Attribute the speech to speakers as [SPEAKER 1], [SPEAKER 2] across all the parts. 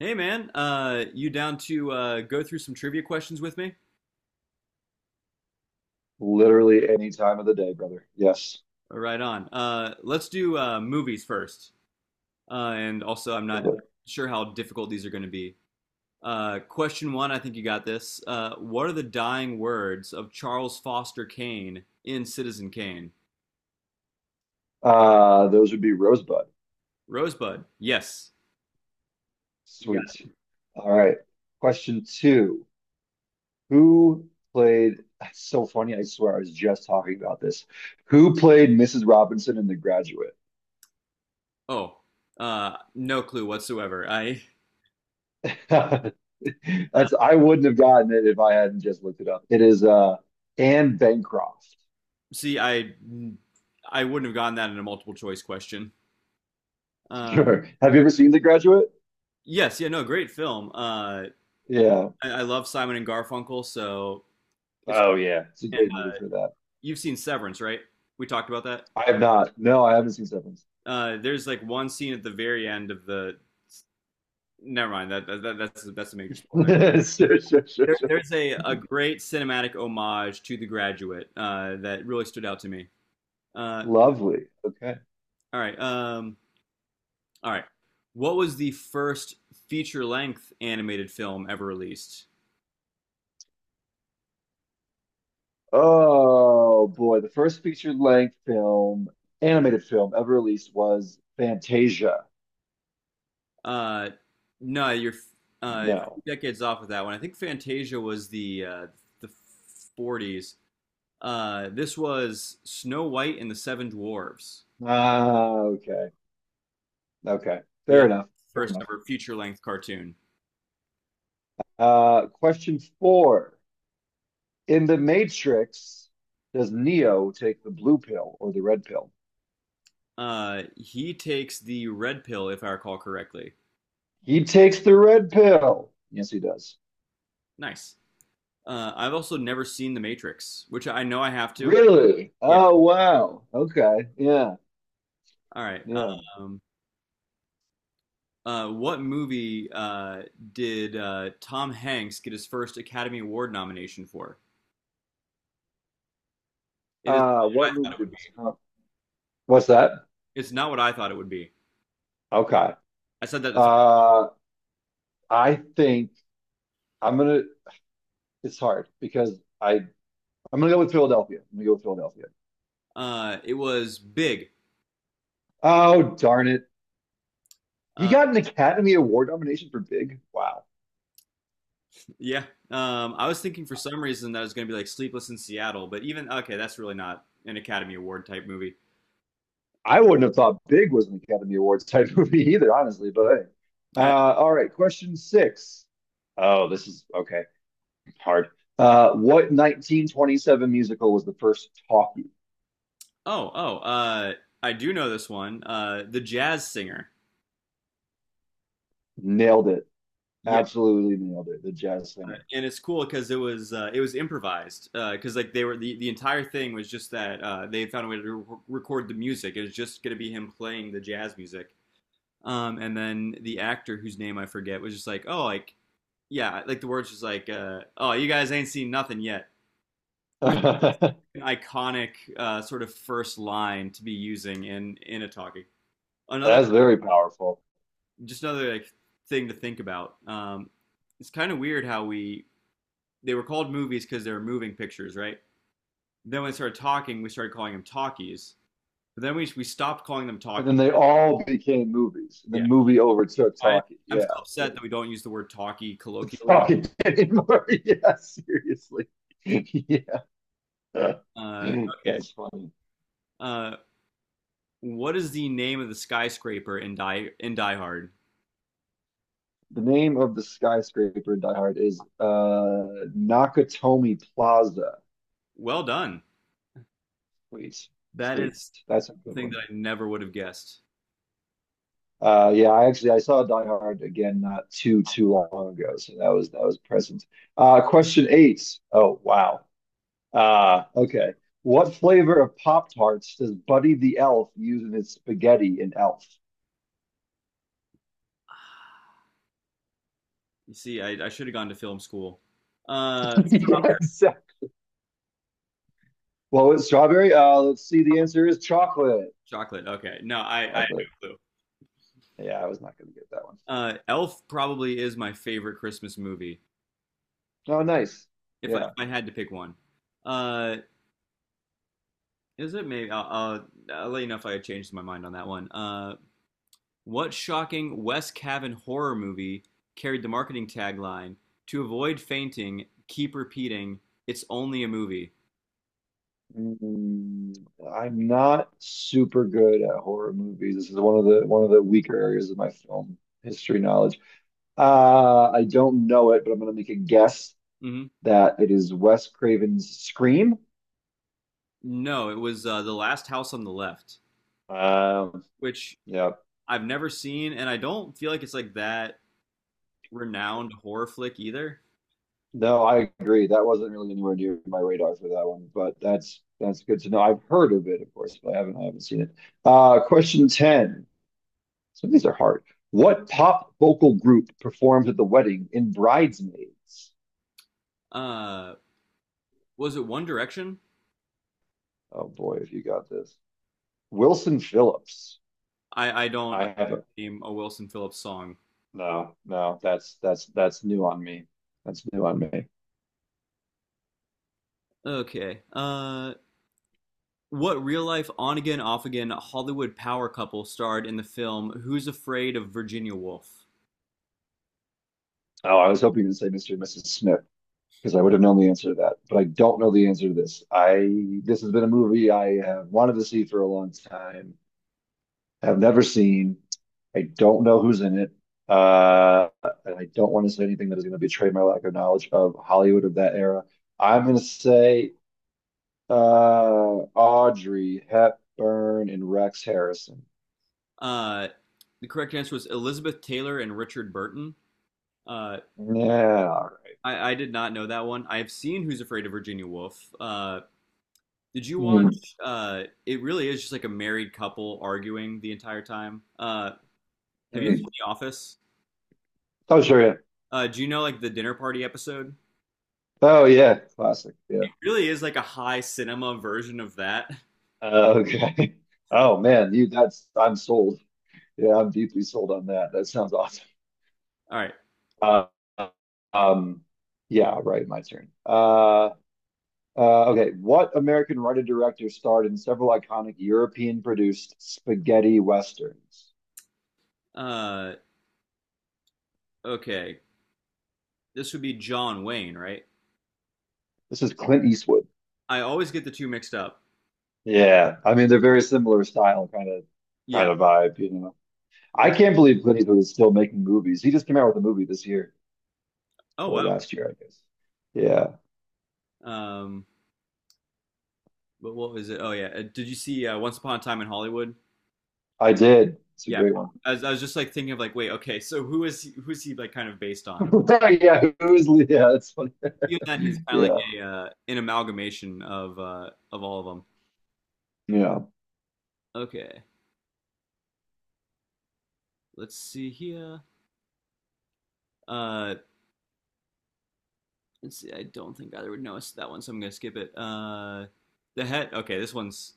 [SPEAKER 1] Hey man, you down to go through some trivia questions with me?
[SPEAKER 2] Literally any time of the day, brother. Yes.
[SPEAKER 1] Right on. Let's do movies first. And also, I'm not
[SPEAKER 2] Love it.
[SPEAKER 1] sure how difficult these are going to be. Question one, I think you got this. What are the dying words of Charles Foster Kane in Citizen Kane?
[SPEAKER 2] Those would be Rosebud.
[SPEAKER 1] Rosebud. Yes. You got
[SPEAKER 2] Sweet.
[SPEAKER 1] it.
[SPEAKER 2] All right. Question two. Who that's so funny, I swear I was just talking about this. Who played Mrs. Robinson in The Graduate?
[SPEAKER 1] Oh, no clue whatsoever. I uh,
[SPEAKER 2] That's, I wouldn't have gotten it if I hadn't just looked it up. It is Anne Bancroft.
[SPEAKER 1] See. I wouldn't have gotten that in a multiple choice question. Uh,
[SPEAKER 2] Sure. Have you ever seen The Graduate?
[SPEAKER 1] yes. Yeah. No. Great film.
[SPEAKER 2] Yeah.
[SPEAKER 1] I love Simon and Garfunkel, so it's
[SPEAKER 2] Oh yeah. It's a
[SPEAKER 1] and
[SPEAKER 2] great movie for that.
[SPEAKER 1] you've seen Severance, right? We talked about that.
[SPEAKER 2] I have not. No, I haven't seen Severance.
[SPEAKER 1] There's like one scene at the very end of the. Never mind. That's a major spoiler.
[SPEAKER 2] Sure, sure, sure,
[SPEAKER 1] There,
[SPEAKER 2] sure.
[SPEAKER 1] there's a great cinematic homage to The Graduate that really stood out to me. Uh,
[SPEAKER 2] Lovely. Okay.
[SPEAKER 1] all right. All right. What was the first feature length animated film ever released?
[SPEAKER 2] Oh boy, the first feature-length film, animated film ever released was Fantasia.
[SPEAKER 1] Uh, no, you're uh,
[SPEAKER 2] No.
[SPEAKER 1] decades off with that one. I think Fantasia was the 40s. This was Snow White and the Seven Dwarves,
[SPEAKER 2] Ah, okay. Okay.
[SPEAKER 1] the
[SPEAKER 2] Fair enough. Fair
[SPEAKER 1] first
[SPEAKER 2] enough.
[SPEAKER 1] ever feature length cartoon.
[SPEAKER 2] Question four. In The Matrix, does Neo take the blue pill or the red pill?
[SPEAKER 1] He takes the red pill, if I recall correctly.
[SPEAKER 2] He takes the red pill. Yes, he does.
[SPEAKER 1] Nice. I've also never seen The Matrix, which I know I have to.
[SPEAKER 2] Really?
[SPEAKER 1] Yeah.
[SPEAKER 2] Oh, wow. Okay. Yeah.
[SPEAKER 1] All right.
[SPEAKER 2] Yeah.
[SPEAKER 1] Um, what movie did Tom Hanks get his first Academy Award nomination for? It is not what I
[SPEAKER 2] What
[SPEAKER 1] thought
[SPEAKER 2] movie
[SPEAKER 1] it would
[SPEAKER 2] did
[SPEAKER 1] be.
[SPEAKER 2] Tom— What's that?
[SPEAKER 1] It's not what I thought it would be.
[SPEAKER 2] Okay.
[SPEAKER 1] I said that to three.
[SPEAKER 2] Uh, I think I'm gonna. It's hard because I'm gonna go with Philadelphia.
[SPEAKER 1] It was Big.
[SPEAKER 2] Oh darn it! He
[SPEAKER 1] Uh,
[SPEAKER 2] got an Academy Award nomination for Big. Wow.
[SPEAKER 1] Yeah. I was thinking for some reason that it was going to be like Sleepless in Seattle, but even okay, that's really not an Academy Award type movie.
[SPEAKER 2] I wouldn't have thought Big was an Academy Awards type movie either, honestly. But hey.
[SPEAKER 1] Uh,
[SPEAKER 2] Uh, all right, question six. Oh, this is okay. Hard. What 1927 musical was the first talkie?
[SPEAKER 1] oh, oh, I do know this one. The Jazz Singer.
[SPEAKER 2] Nailed it.
[SPEAKER 1] Yeah,
[SPEAKER 2] Absolutely nailed it. The Jazz Singer.
[SPEAKER 1] and it's cool because it was improvised because like the entire thing was just that they found a way to record the music. It was just going to be him playing the jazz music, and then the actor whose name I forget was just like, oh, like yeah, like the words just like, oh, you guys ain't seen nothing yet, iconic sort of first line to be using in a talkie. Another
[SPEAKER 2] That's very powerful.
[SPEAKER 1] Just another like thing to think about. It's kind of weird how we they were called movies because they were moving pictures, right? Then when we started talking, we started calling them talkies. But then we stopped calling them
[SPEAKER 2] And
[SPEAKER 1] talkies.
[SPEAKER 2] then they all became movies. And
[SPEAKER 1] Yeah,
[SPEAKER 2] then movie overtook
[SPEAKER 1] I,
[SPEAKER 2] talkie.
[SPEAKER 1] I'm
[SPEAKER 2] Yeah.
[SPEAKER 1] still
[SPEAKER 2] Yeah.
[SPEAKER 1] upset that we don't use the word talkie
[SPEAKER 2] It's
[SPEAKER 1] colloquially.
[SPEAKER 2] talkie anymore. Yeah, seriously. Yeah.
[SPEAKER 1] Uh, okay.
[SPEAKER 2] That's funny.
[SPEAKER 1] Uh, what is the name of the skyscraper in Die Hard?
[SPEAKER 2] The name of the skyscraper in Die Hard is Nakatomi Plaza.
[SPEAKER 1] Well done.
[SPEAKER 2] Sweet.
[SPEAKER 1] That
[SPEAKER 2] Sweet.
[SPEAKER 1] is
[SPEAKER 2] That's a good
[SPEAKER 1] something that
[SPEAKER 2] one.
[SPEAKER 1] I never would have guessed.
[SPEAKER 2] Yeah, I actually I saw Die Hard again not too long ago, so that was present. Question eight. Oh wow. Okay. What flavor of Pop Tarts does Buddy the Elf use in his spaghetti in Elf?
[SPEAKER 1] You see, I should have gone to film school. Uh,
[SPEAKER 2] Yes. Well, it's strawberry. Let's see. The answer is chocolate.
[SPEAKER 1] Chocolate. Okay, no, I have
[SPEAKER 2] Chocolate.
[SPEAKER 1] no clue.
[SPEAKER 2] Yeah, I was not going to get that one.
[SPEAKER 1] Elf probably is my favorite Christmas movie.
[SPEAKER 2] Oh, nice.
[SPEAKER 1] If I, if
[SPEAKER 2] Yeah.
[SPEAKER 1] I had to pick one, uh, is it maybe? I'll let you know if I changed my mind on that one. What shocking West Cavan horror movie carried the marketing tagline "To avoid fainting, keep repeating, it's only a movie."
[SPEAKER 2] Mm, I'm not super good at horror movies. This is one of the weaker areas of my film history knowledge. I don't know it, but I'm going to make a guess
[SPEAKER 1] hmm
[SPEAKER 2] that it is Wes Craven's Scream.
[SPEAKER 1] No, it was The Last House on the Left,
[SPEAKER 2] Um,
[SPEAKER 1] which
[SPEAKER 2] yeah.
[SPEAKER 1] I've never seen, and I don't feel like it's like that renowned horror flick either.
[SPEAKER 2] No, I agree. That wasn't really anywhere near my radar for that one, but that's good to know. I've heard of it, of course, but I haven't seen it. Question 10. Some of these are hard. What pop vocal group performed at the wedding in Bridesmaids?
[SPEAKER 1] Uh, was it One Direction?
[SPEAKER 2] Oh boy, if you got this. Wilson Phillips.
[SPEAKER 1] I don't I
[SPEAKER 2] I haven't.
[SPEAKER 1] name a Wilson Phillips song.
[SPEAKER 2] No, no, that's that's new on me. That's new on me.
[SPEAKER 1] Okay. What real life on again off again Hollywood power couple starred in the film Who's Afraid of Virginia Woolf?
[SPEAKER 2] Oh, I was hoping to say Mr. and Mrs. Smith, because I would have known the answer to that. But I don't know the answer to this. I this has been a movie I have wanted to see for a long time. Have never seen. I don't know who's in it. Uh, and I don't want to say anything that is going to betray my lack of knowledge of Hollywood of that era. I'm going to say uh, Audrey Hepburn and Rex Harrison.
[SPEAKER 1] Uh, the correct answer was Elizabeth Taylor and Richard Burton. Uh,
[SPEAKER 2] Yeah.
[SPEAKER 1] I did not know that one. I've seen Who's Afraid of Virginia Woolf. Did you
[SPEAKER 2] Hmm.
[SPEAKER 1] watch? It really is just like a married couple arguing the entire time. Have you seen
[SPEAKER 2] Hmm.
[SPEAKER 1] The Office?
[SPEAKER 2] Oh, sure. Yeah.
[SPEAKER 1] Do you know like the dinner party episode?
[SPEAKER 2] Oh, yeah. Classic. Yeah.
[SPEAKER 1] Really is like a high cinema version of that.
[SPEAKER 2] Okay.
[SPEAKER 1] All
[SPEAKER 2] Oh, man. That's, I'm sold. Yeah, I'm deeply sold on that. That sounds awesome.
[SPEAKER 1] right.
[SPEAKER 2] Uh, um, yeah, right. My turn. Okay. What American writer director starred in several iconic European produced spaghetti westerns?
[SPEAKER 1] Uh, okay. This would be John Wayne, right?
[SPEAKER 2] This is Clint Eastwood.
[SPEAKER 1] I always get the two mixed up.
[SPEAKER 2] Yeah, I mean they're very similar style,
[SPEAKER 1] Yeah.
[SPEAKER 2] kind of vibe. You know, I
[SPEAKER 1] Wh-
[SPEAKER 2] can't believe Clint Eastwood is still making movies. He just came out with a movie this year
[SPEAKER 1] Oh
[SPEAKER 2] or
[SPEAKER 1] wow.
[SPEAKER 2] last year, I guess. Yeah,
[SPEAKER 1] Um, but what was it? Oh yeah. Did you see Once Upon a Time in Hollywood?
[SPEAKER 2] I did. It's a
[SPEAKER 1] Yeah.
[SPEAKER 2] great one.
[SPEAKER 1] I was just like thinking of like, wait, okay, so who's he like kind of based on?
[SPEAKER 2] Yeah? That's funny.
[SPEAKER 1] Even then, he's kind of
[SPEAKER 2] Yeah,
[SPEAKER 1] like a an amalgamation of of all of them.
[SPEAKER 2] yeah.
[SPEAKER 1] Okay. Let's see here. Uh, Let's see, I don't think either would notice that one, so I'm gonna skip it. The head. Okay. this one's.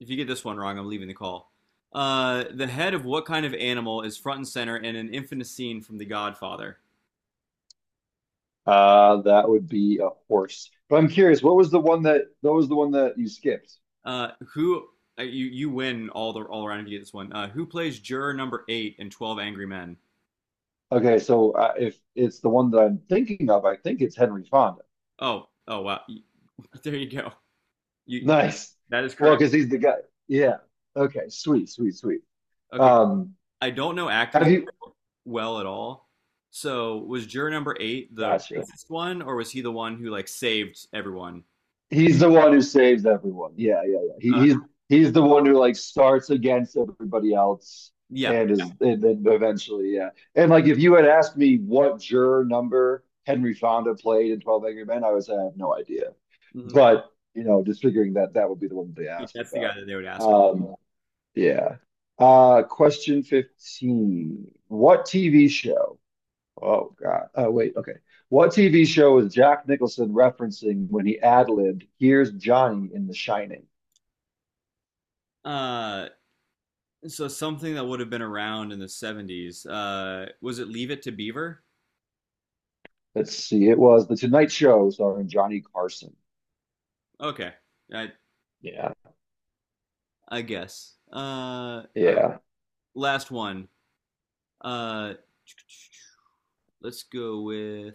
[SPEAKER 1] If you get this one wrong, I'm leaving the call. The head of what kind of animal is front and center in an infamous scene from The Godfather?
[SPEAKER 2] That would be a horse. But I'm curious, what was the one that you skipped?
[SPEAKER 1] Who You win all around if you get this one. Who plays juror number 8 in 12 Angry Men?
[SPEAKER 2] Okay, so if it's the one that I'm thinking of, I think it's Henry Fonda.
[SPEAKER 1] Oh, oh wow, there you go. You
[SPEAKER 2] Nice.
[SPEAKER 1] That is
[SPEAKER 2] Well,
[SPEAKER 1] correct.
[SPEAKER 2] because he's the guy. Yeah. Okay. Sweet. Sweet. Sweet.
[SPEAKER 1] Okay,
[SPEAKER 2] Um,
[SPEAKER 1] I don't know actors
[SPEAKER 2] have you?
[SPEAKER 1] well at all. So was juror number 8 the
[SPEAKER 2] Gotcha.
[SPEAKER 1] racist one, or was he the one who like saved everyone?
[SPEAKER 2] He's the one who saves everyone. Yeah, yeah, yeah. He, he's
[SPEAKER 1] Uh,
[SPEAKER 2] he's the one who like starts against everybody else
[SPEAKER 1] yeah.
[SPEAKER 2] and is and then eventually, yeah. And like if you had asked me what juror number Henry Fonda played in Twelve Angry Men, I would say I have no idea.
[SPEAKER 1] hmm
[SPEAKER 2] But you know, just figuring that that would be the one they
[SPEAKER 1] yeah,
[SPEAKER 2] asked
[SPEAKER 1] that's the guy
[SPEAKER 2] about.
[SPEAKER 1] that they would ask.
[SPEAKER 2] Um, yeah. Question 15. What TV show Oh God. Oh wait. Okay. What TV show is Jack Nicholson referencing when he ad-libbed "Here's Johnny" in The Shining?
[SPEAKER 1] Uh, so something that would have been around in the 70s. Was it Leave It to Beaver?
[SPEAKER 2] Let's see. It was The Tonight Show starring Johnny Carson.
[SPEAKER 1] Okay, I
[SPEAKER 2] Yeah.
[SPEAKER 1] I guess. Right,
[SPEAKER 2] Yeah.
[SPEAKER 1] last one. Uh, let's go with.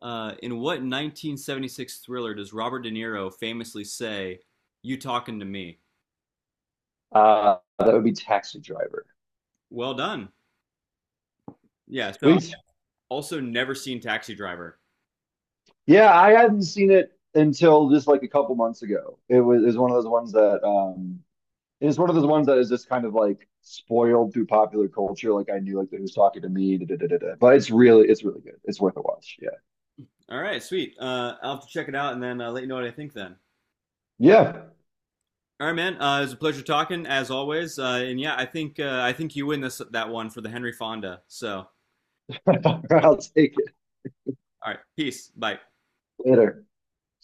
[SPEAKER 1] In what 1976 thriller does Robert De Niro famously say, "You talking to me"?
[SPEAKER 2] That would be Taxi Driver.
[SPEAKER 1] Well done. Yeah, so
[SPEAKER 2] Sweet.
[SPEAKER 1] also never seen Taxi Driver.
[SPEAKER 2] Yeah, I hadn't seen it until just like a couple months ago. It was one of those ones that it's one of those ones that is just kind of like spoiled through popular culture. Like I knew like who's talking to me, da, da, da, da, da. But it's really good. It's worth a watch. Yeah.
[SPEAKER 1] All right, sweet. I'll have to check it out and then let you know what I think then. All right.
[SPEAKER 2] Yeah.
[SPEAKER 1] All right, man. It was a pleasure talking as always. And yeah, I think you win this that one for the Henry Fonda. So, all
[SPEAKER 2] I'll take it
[SPEAKER 1] right, peace. Bye.
[SPEAKER 2] later.